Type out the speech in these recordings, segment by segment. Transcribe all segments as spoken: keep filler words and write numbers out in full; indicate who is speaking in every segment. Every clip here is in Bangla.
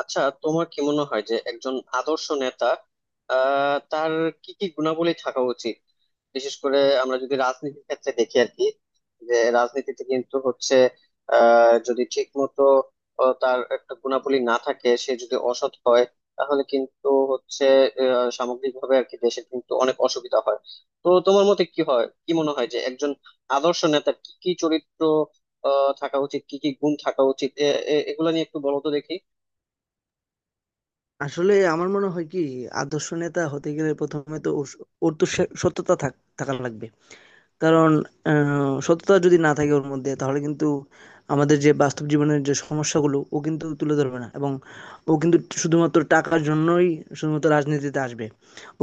Speaker 1: আচ্ছা, তোমার কি মনে হয় যে একজন আদর্শ নেতা আহ তার কি কি গুণাবলী থাকা উচিত? বিশেষ করে আমরা যদি রাজনীতির ক্ষেত্রে দেখি আর কি, যে রাজনীতিতে কিন্তু হচ্ছে আহ যদি ঠিক মতো তার একটা গুণাবলী না থাকে, সে যদি অসৎ হয়, তাহলে কিন্তু হচ্ছে আহ, সামগ্রিকভাবে আর কি দেশের কিন্তু অনেক অসুবিধা হয়। তো তোমার মতে কি হয়, কি মনে হয় যে একজন আদর্শ নেতার কি কি চরিত্র আহ থাকা উচিত, কি কি গুণ থাকা উচিত, এ- এ- এগুলা নিয়ে একটু বলো তো দেখি।
Speaker 2: আসলে আমার মনে হয় কি আদর্শ নেতা হতে গেলে প্রথমে তো ওর ওর তো সে- সততা থাক- থাকা লাগবে। কারণ আহ, সততা যদি না থাকে ওর মধ্যে তাহলে কিন্তু আমাদের যে বাস্তব জীবনের যে সমস্যাগুলো ও কিন্তু তুলে ধরবে না এবং ও কিন্তু শুধুমাত্র টাকার জন্যই শুধুমাত্র রাজনীতিতে আসবে।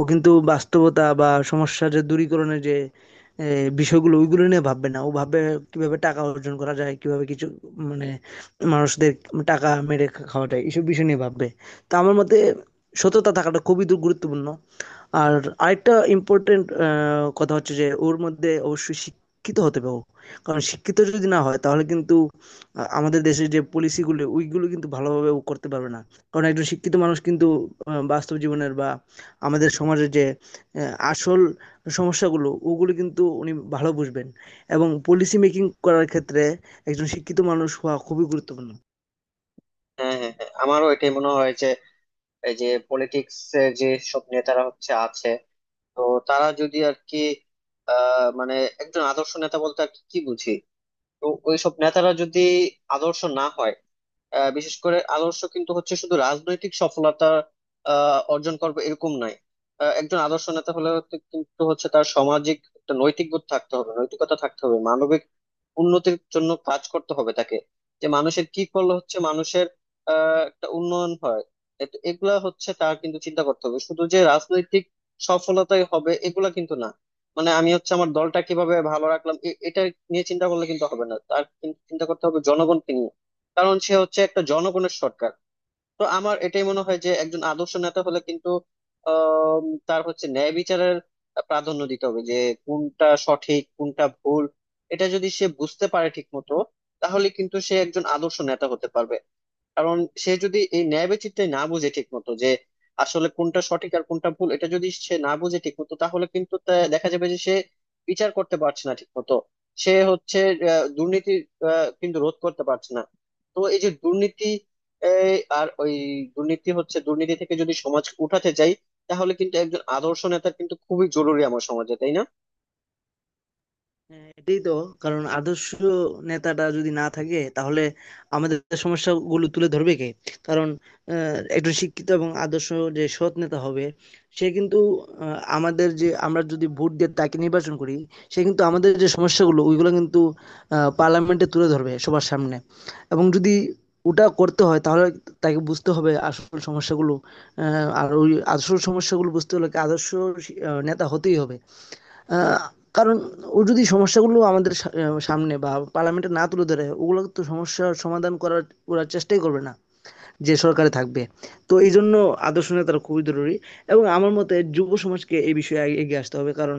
Speaker 2: ও কিন্তু বাস্তবতা বা সমস্যার যে দূরীকরণের যে এ, বিষয়গুলো ওইগুলো নিয়ে ভাববে না, ও ভাববে কিভাবে টাকা অর্জন করা যায়, কিভাবে কিছু মানে মানুষদের টাকা মেরে খাওয়া যায় এইসব বিষয় নিয়ে ভাববে। তো আমার মতে সততা থাকাটা খুবই দু- গুরুত্বপূর্ণ। আর আরেকটা ইম্পর্টেন্ট কথা হচ্ছে যে ওর মধ্যে অবশ্যই শিক্ষিত হতে হবে ও। কারণ শিক্ষিত যদি না হয় তাহলে কিন্তু আ- আমাদের দেশের যে পলিসিগুলো ওইগুলো কিন্তু ভালোভাবে ও করতে পারবে না। কারণ একজন শিক্ষিত মানুষ কিন্তু আহ, বাস্তব জীবনের বা আমাদের সমাজের যে আহ, আসল সমস্যাগুলো ওগুলো কিন্তু উনি ভালো বুঝবেন। এবং পলিসি মেকিং করার ক্ষেত্রে একজন শিক্ষিত মানুষ হওয়া খুবই গুরুত্বপূর্ণ।
Speaker 1: হ্যাঁ, হ্যাঁ, হ্যাঁ, আমারও এটাই মনে হয় যে এই যে পলিটিক্স এর যে সব নেতারা হচ্ছে আছে, তো তারা যদি আর কি, আহ, মানে একজন আদর্শ নেতা বলতে আর কি কি বুঝি। তো ওই সব নেতারা যদি আদর্শ না হয়, আহ, বিশেষ করে আদর্শ কিন্তু হচ্ছে শুধু রাজনৈতিক সফলতা আহ, অর্জন করবে এরকম নয়। আহ, একজন আদর্শ নেতা হলে হচ্ছে- কিন্তু হচ্ছে তার সামাজিক একটা নৈতিক বোধ থাকতে হবে, নৈতিকতা থাকতে হবে, মানবিক উন্নতির জন্য কাজ করতে হবে তাকে। যে মানুষের কি করলে হচ্ছে মানুষের আহ একটা উন্নয়ন হয়। এ- তো এগুলা হচ্ছে তার কিন্তু চিন্তা করতে হবে, শুধু যে রাজনৈতিক সফলতাই হবে এগুলা কিন্তু না। মানে আমি হচ্ছে আমার দলটা কিভাবে ভালো রাখলাম এ- এটা নিয়ে চিন্তা করলে কিন্তু হবে না, তার কিন্তু চিন্তা করতে হবে জনগণকে নিয়ে। কারণ সে হচ্ছে একটা জনগণের সরকার। তো আমার এটাই মনে হয় যে একজন আদর্শ নেতা হলে কিন্তু আম, তার হচ্ছে ন্যায় বিচারের প্রাধান্য দিতে হবে, যে কোনটা সঠিক, কোনটা ভুল, এটা যদি সে বুঝতে পারে ঠিক মতো, তাহলে কিন্তু সে একজন আদর্শ নেতা হতে পারবে। কারণ সে যদি এই ন্যায় বেচিত্রায় না বুঝে ঠিক মতো, যে আসলে কোনটা সঠিক আর কোনটা ভুল, এটা যদি সে না বুঝে ঠিক মতো, তাহলে কিন্তু তা- দেখা যাবে যে সে বিচার করতে পারছে না ঠিক মতো। সে হচ্ছে আহ, দুর্নীতি আহ, কিন্তু রোধ করতে পারছে না। তো এই যে দুর্নীতি, এই, আর ওই দুর্নীতি হচ্ছে, দুর্নীতি থেকে যদি সমাজ উঠাতে চাই, তাহলে কিন্তু একজন আদর্শ নেতা কিন্তু খুবই জরুরি আমার সমাজে, তাই না?
Speaker 2: হ্যাঁ, এটাই তো। কারণ আদর্শ নেতাটা যদি না থাকে তাহলে আমাদের সমস্যাগুলো তুলে ধরবে কে? কারণ আহ, একজন শিক্ষিত এবং আদর্শ যে সৎ নেতা হবে, সে কিন্তু আহ, আমাদের যে আমরা যদি ভোট দিয়ে তাকে নির্বাচন করি, সে কিন্তু আমাদের যে সমস্যাগুলো ওইগুলো কিন্তু পার্লামেন্টে তুলে ধরবে সবার সামনে। এবং যদি ওটা করতে হয় তাহলে তাকে বুঝতে হবে আসল সমস্যাগুলো। আহ, আর ওই আসল সমস্যাগুলো বুঝতে হলে কি আদর্শ আহ, নেতা হতেই হবে। আহ, কারণ ও যদি সমস্যাগুলো আমাদের সা- সামনে বা পার্লামেন্টে না তুলে ধরে, ওগুলো তো সমস্যার সমাধান করার ওরা চেষ্টাই করবে না, যে সরকারে থাকবে। তো এই জন্য আদর্শ নেতারা খুবই জরুরি। এবং আমার মতে যুব সমাজকে এই বিষয়ে আগে এগিয়ে আসতে হবে। কারণ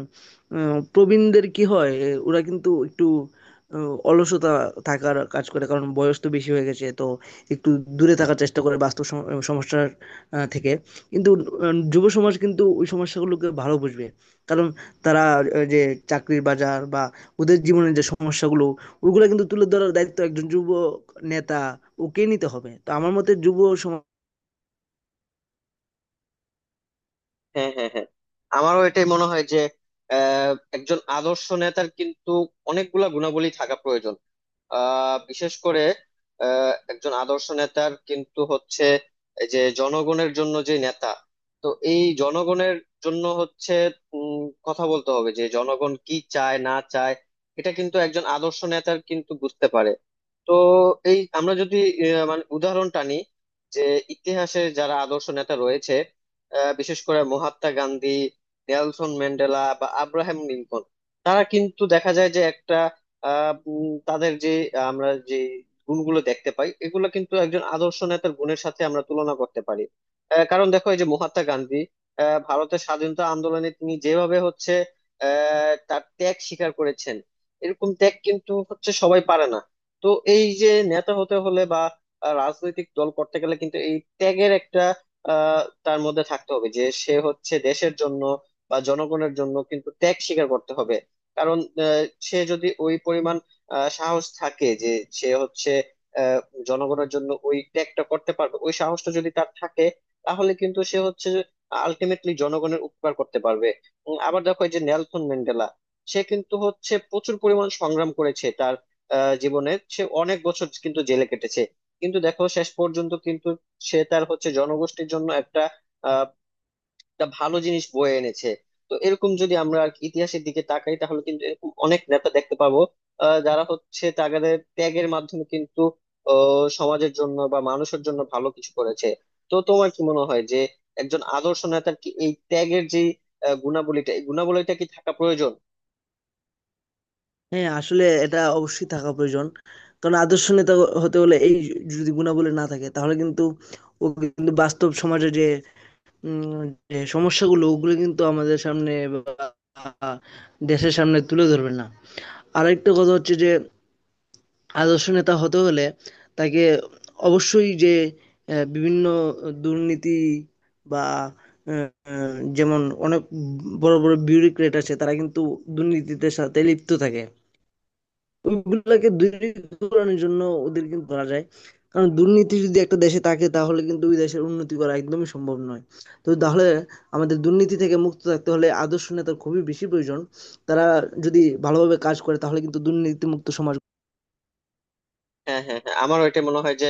Speaker 2: আহ, প্রবীণদের কি হয়, এ, ওরা কিন্তু একটু আহ, অলসতা থাকার কাজ করে, কারণ বয়স তো বেশি হয়ে গেছে, তো একটু দূরে থাকার চেষ্টা করে বাস্তব সম- সমস্যার আহ, থেকে। কিন্তু আহ, যুব সমাজ কিন্তু ওই সমস্যাগুলোকে ভালো বুঝবে। কারণ তারা আহ, যে চাকরির বাজার বা ওদের জীবনের যে সমস্যাগুলো ওগুলো কিন্তু তুলে ধরার দায়িত্ব একজন যুব নেতা, ওকে নিতে হবে। তো আমার মতে যুব সমাজ।
Speaker 1: হ্যাঁ, হ্যাঁ, হ্যাঁ, আমারও এটাই মনে হয় যে আহ, একজন আদর্শ নেতার কিন্তু অনেকগুলা গুণাবলী থাকা প্রয়োজন। আহ, বিশেষ করে আহ, একজন আদর্শ নেতার কিন্তু হচ্ছে এই যে জনগণের জন্য যে নেতা, তো এই জনগণের জন্য হচ্ছে উম, কথা বলতে হবে যে জনগণ কি চায় না চায়, এটা কিন্তু একজন আদর্শ নেতার কিন্তু বুঝতে পারে। তো এই আমরা যদি আহ, মানে উদাহরণ টানি, যে ইতিহাসে যারা আদর্শ নেতা রয়েছে, আহ, বিশেষ করে মহাত্মা গান্ধী, নেলসন ম্যান্ডেলা বা আব্রাহাম লিঙ্কন, তারা কিন্তু দেখা যায় যে একটা আহ, উম, তাদের যে আহ, আমরা যে গুণগুলো দেখতে পাই, এগুলো কিন্তু একজন আদর্শ নেতার গুণের সাথে আমরা তুলনা করতে পারি। আহ, কারণ দেখো, এই যে মহাত্মা গান্ধী, আহ, ভারতের স্বাধীনতা আন্দোলনে তিনি যেভাবে হচ্ছে আহ, তার ত্যাগ স্বীকার করেছেন, এরকম ত্যাগ কিন্তু হচ্ছে সবাই পারে না। তো এই যে নেতা হতে হলে বা আহ, রাজনৈতিক দল করতে গেলে কিন্তু এই ত্যাগের একটা আহ তার মধ্যে থাকতে হবে, যে সে হচ্ছে দেশের জন্য বা জনগণের জন্য কিন্তু ত্যাগ স্বীকার করতে হবে। কারণ আহ, সে যদি ওই পরিমাণ আহ, সাহস থাকে যে সে হচ্ছে আহ, জনগণের জন্য ওই ত্যাগটা করতে পারবে, ওই সাহসটা যদি তার থাকে, তাহলে কিন্তু সে হচ্ছে আলটিমেটলি জনগণের উপকার করতে পারবে। উম, আবার দেখো, এই যে নেলসন ম্যান্ডেলা, সে কিন্তু হচ্ছে প্রচুর পরিমাণ সংগ্রাম করেছে, তার আহ, জীবনে সে অনেক বছর কিন্তু জেলে কেটেছে। কিন্তু দেখো, শেষ পর্যন্ত কিন্তু সে তার হচ্ছে জনগোষ্ঠীর জন্য একটা আহ একটা ভালো জিনিস বয়ে এনেছে। তো এরকম যদি আমরা আর কি ইতিহাসের দিকে তাকাই, তাহলে কিন্তু এরকম অনেক নেতা দেখতে পাবো, আহ, যারা হচ্ছে তাদের ত্যাগের মাধ্যমে কিন্তু আহ, সমাজের জন্য বা মানুষের জন্য ভালো কিছু করেছে। তো তোমার কি মনে হয় যে একজন আদর্শ নেতার কি এই ত্যাগের যে আহ, গুণাবলীটা, এই গুণাবলীটা কি থাকা প্রয়োজন?
Speaker 2: হ্যাঁ আসলে এটা অবশ্যই থাকা প্রয়োজন। কারণ আদর্শ নেতা হতে হলে এই যদি গুণাবলী না থাকে তাহলে কিন্তু ও কিন্তু বাস্তব সমাজে যে উম, যে সমস্যাগুলো ওগুলো কিন্তু আমাদের সামনে বা দেশের সামনে তুলে ধরবে না। আরেকটা কথা হচ্ছে যে আদর্শ নেতা হতে হলে তাকে অবশ্যই যে আহ, বিভিন্ন দুর্নীতি বা আহ, যেমন অনেক বড় বড় বিউরোক্রেট আছে তারা কিন্তু দুর্নীতিতে সাথে লিপ্ত থাকে, ওইগুলোকে দূরীকরণের জন্য ওদের কিন্তু ধরা যায়। কারণ দুর্নীতি যদি একটা দেশে থাকে তাহলে কিন্তু ওই দেশের উন্নতি করা একদমই সম্ভব নয়। তো তাহলে আমাদের দুর্নীতি থেকে মুক্ত থাকতে হলে আদর্শ নেতার খুবই বেশি প্রয়োজন। তারা যদি ভালোভাবে কাজ করে তাহলে কিন্তু দুর্নীতি মুক্ত সমাজ।
Speaker 1: হ্যাঁ, হ্যাঁ, হ্যাঁ, আমারও এটা মনে হয় যে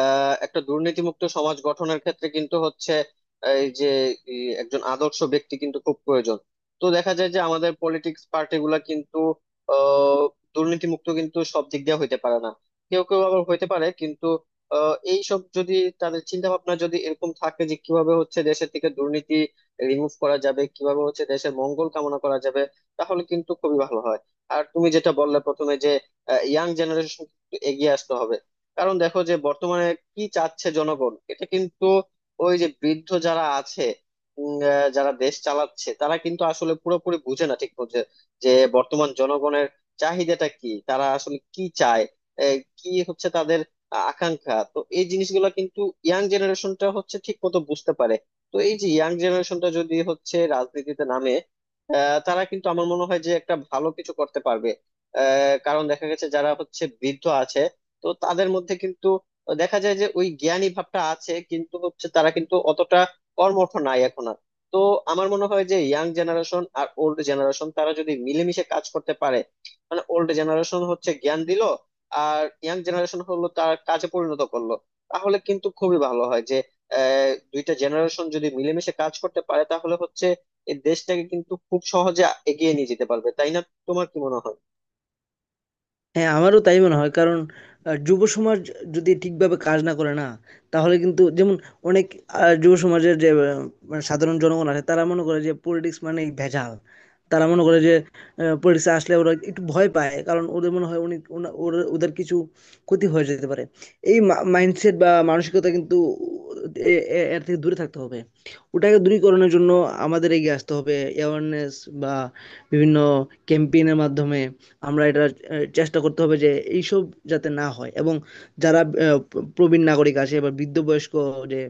Speaker 1: আহ, একটা দুর্নীতিমুক্ত সমাজ গঠনের ক্ষেত্রে কিন্তু হচ্ছে এই যে ই, একজন আদর্শ ব্যক্তি কিন্তু খুব প্রয়োজন। তো দেখা যায় যে আমাদের পলিটিক্স পার্টিগুলা কিন্তু আহ, দুর্নীতিমুক্ত কিন্তু সব দিক দিয়ে হইতে পারে না। কেউ কেউ আবার হইতে পারে, কিন্তু আহ, এই সব যদি, তাদের চিন্তা ভাবনা যদি এরকম থাকে যে কিভাবে হচ্ছে দেশের থেকে দুর্নীতি রিমুভ করা যাবে, কিভাবে হচ্ছে দেশের মঙ্গল কামনা করা যাবে, তাহলে কিন্তু খুবই ভালো হয়। আর তুমি যেটা বললে প্রথমে, যে ইয়াং জেনারেশন এগিয়ে আসতে হবে। কারণ দেখো, যে বর্তমানে কি চাচ্ছে জনগণ, এটা কিন্তু ওই যে বৃদ্ধ যারা আছে, উম, আহ, যারা দেশ চালাচ্ছে, তারা কিন্তু আসলে পুরোপুরি বুঝে না ঠিক বুঝে। যে বর্তমান জনগণের চাহিদাটা কি, তারা আসলে কি চায়, আহ, কি হচ্ছে তাদের আ- আকাঙ্ক্ষা, তো এই জিনিসগুলো কিন্তু ইয়াং জেনারেশনটা হচ্ছে ঠিক মতো বুঝতে পারে। তো এই যে ইয়াং জেনারেশনটা যদি হচ্ছে রাজনীতিতে নামে, আহ, তারা কিন্তু আমার মনে হয় যে একটা ভালো কিছু করতে পারবে। কারণ দেখা গেছে যারা হচ্ছে বৃদ্ধ আছে, তো তাদের মধ্যে কিন্তু দেখা যায় যে ওই জ্ঞানী ভাবটা আছে, কিন্তু হচ্ছে তারা কিন্তু অতটা কর্মঠ নাই এখন আর। তো আমার মনে হয় যে ইয়াং জেনারেশন আর ওল্ড জেনারেশন, তারা যদি মিলেমিশে কাজ করতে পারে, মানে ওল্ড জেনারেশন হচ্ছে জ্ঞান দিল আর ইয়াং জেনারেশন হলো তার কাজে পরিণত করলো, তাহলে কিন্তু খুবই ভালো হয় যে আহ, দুইটা জেনারেশন যদি মিলেমিশে কাজ করতে পারে তাহলে হচ্ছে এই দেশটাকে কিন্তু খুব সহজে এগিয়ে নিয়ে যেতে পারবে, তাই না? তোমার কি মনে হয়?
Speaker 2: হ্যাঁ, আমারও তাই মনে হয়। কারণ আ যুব সমাজ যদি ঠিকভাবে কাজ না করে না, তাহলে কিন্তু যেমন অনেক আ যুব সমাজের যে আ মানে সাধারণ জনগণ আছে তারা মনে করে যে পলিটিক্স মানেই ভেজাল। তারা মনে করে যে আ পলিটিক্সে আসলে ওরা একটু ভয় পায়। কারণ ওদের মনে হয় অনেক ওনা ওরা, ওদের কিছু ক্ষতি হয়ে যেতে পারে। এই মা মাইন্ডসেট বা মানসিকতা কিন্তু, এ এ এর থেকে দূরে থাকতে হবে। ওটাকে দূরীকরণের জন্য আমাদের এগিয়ে আসতে হবে। অ্যাওয়ারনেস বা বিভিন্ন ক্যাম্পেইন এর মাধ্যমে আমরা এটা আহ, চেষ্টা করতে হবে যে এইসব যাতে না হয়, এবং যারা আহ, প্রবীণ নাগরিক আছে বা বৃদ্ধ বয়স্ক যে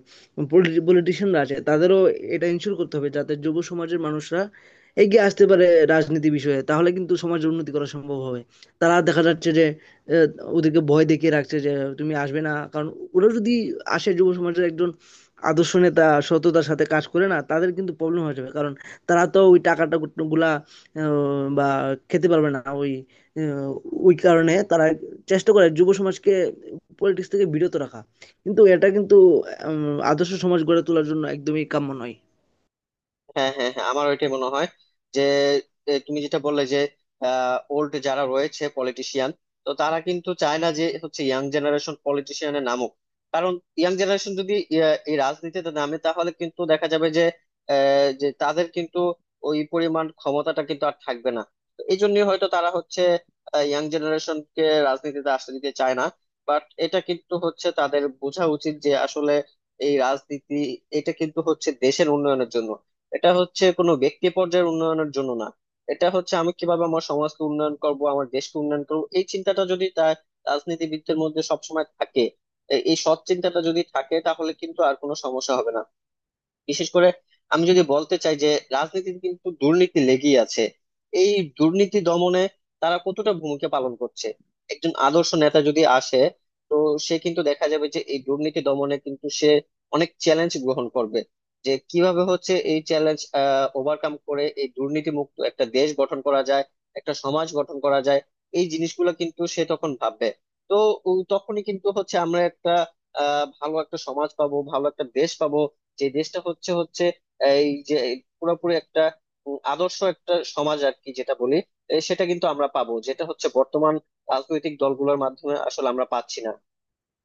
Speaker 2: পলিটিশিয়ানরা আছে তাদেরও এটা ইনশিওর করতে হবে যাতে যুব সমাজের মানুষরা এগিয়ে আসতে পারে রাজনীতি বিষয়ে, তাহলে কিন্তু সমাজের উন্নতি করা সম্ভব হবে। তারা দেখা যাচ্ছে যে আহ, ওদেরকে ভয় দেখিয়ে রাখছে যে তুমি আসবে না, কারণ ওরা যদি আসে যুব সমাজের একজন আদর্শ নেতা সততার সাথে কাজ করে, না তাদের কিন্তু প্রবলেম হয়ে যাবে। কারণ তারা তো ওই টাকাটা গুলা আহ, বা খেতে পারবে না ওই, আহ, ওই কারণে তারা চেষ্টা করে যুব সমাজকে পলিটিক্স থেকে বিরত রাখা। কিন্তু এটা কিন্তু উম, আদর্শ সমাজ গড়ে তোলার জন্য একদমই কাম্য নয়।
Speaker 1: হ্যাঁ, হ্যাঁ, হ্যাঁ, আমার ওইটাই মনে হয়, যে এ, তুমি যেটা বললে যে ওল্ড যারা রয়েছে পলিটিশিয়ান, তো তারা কিন্তু চায় না যে হচ্ছে ইয়াং জেনারেশন পলিটিশিয়ানে নামুক। কারণ ইয়াং জেনারেশন যদি আহ, এই রাজনীতিতে নামে, তাহলে কিন্তু দেখা যাবে যে আহ, যে তাদের কিন্তু ওই পরিমাণ ক্ষমতাটা কিন্তু আর থাকবে না। তো এই জন্যই হয়তো তারা হচ্ছে ইয়াং জেনারেশনকে রাজনীতিতে আসতে দিতে চায় না। বাট এটা কিন্তু হচ্ছে তাদের বোঝা উচিত যে আসলে এই রাজনীতি, এটা কিন্তু হচ্ছে দেশের উন্নয়নের জন্য। এটা হচ্ছে কোনো ব্যক্তি পর্যায়ের উন্নয়নের জন্য না। এটা হচ্ছে, আমি কিভাবে আমার সমাজকে উন্নয়ন করব, আমার দেশকে উন্নয়ন করব, এই চিন্তাটা যদি তার রাজনীতিবিদদের মধ্যে সবসময় থাকে, এ- এই সৎ চিন্তাটা যদি থাকে, তাহলে কিন্তু আর কোনো সমস্যা হবে না। বিশেষ করে আমি যদি বলতে চাই, যে রাজনীতিতে কিন্তু দুর্নীতি লেগেই আছে, এই দুর্নীতি দমনে তারা কতটা ভূমিকা পালন করছে, একজন আদর্শ নেতা যদি আসে, তো সে কিন্তু দেখা যাবে যে এই দুর্নীতি দমনে কিন্তু সে অনেক চ্যালেঞ্জ গ্রহণ করবে। যে কিভাবে হচ্ছে এই চ্যালেঞ্জ আহ ওভারকাম করে এই দুর্নীতি মুক্ত একটা দেশ গঠন করা যায়, একটা সমাজ গঠন করা যায়, এই জিনিসগুলো কিন্তু সে তখন ভাববে। তো উ, তখনই কিন্তু হচ্ছে আমরা একটা আহ ভালো একটা সমাজ পাবো, ভালো একটা দেশ পাবো। যে দেশটা হচ্ছে হচ্ছে এই যে পুরোপুরি একটা উম, আদর্শ একটা সমাজ আর কি, যেটা বলি, এ, সেটা কিন্তু আমরা পাবো, যেটা হচ্ছে বর্তমান রাজনৈতিক দলগুলোর মাধ্যমে আসলে আমরা পাচ্ছি না।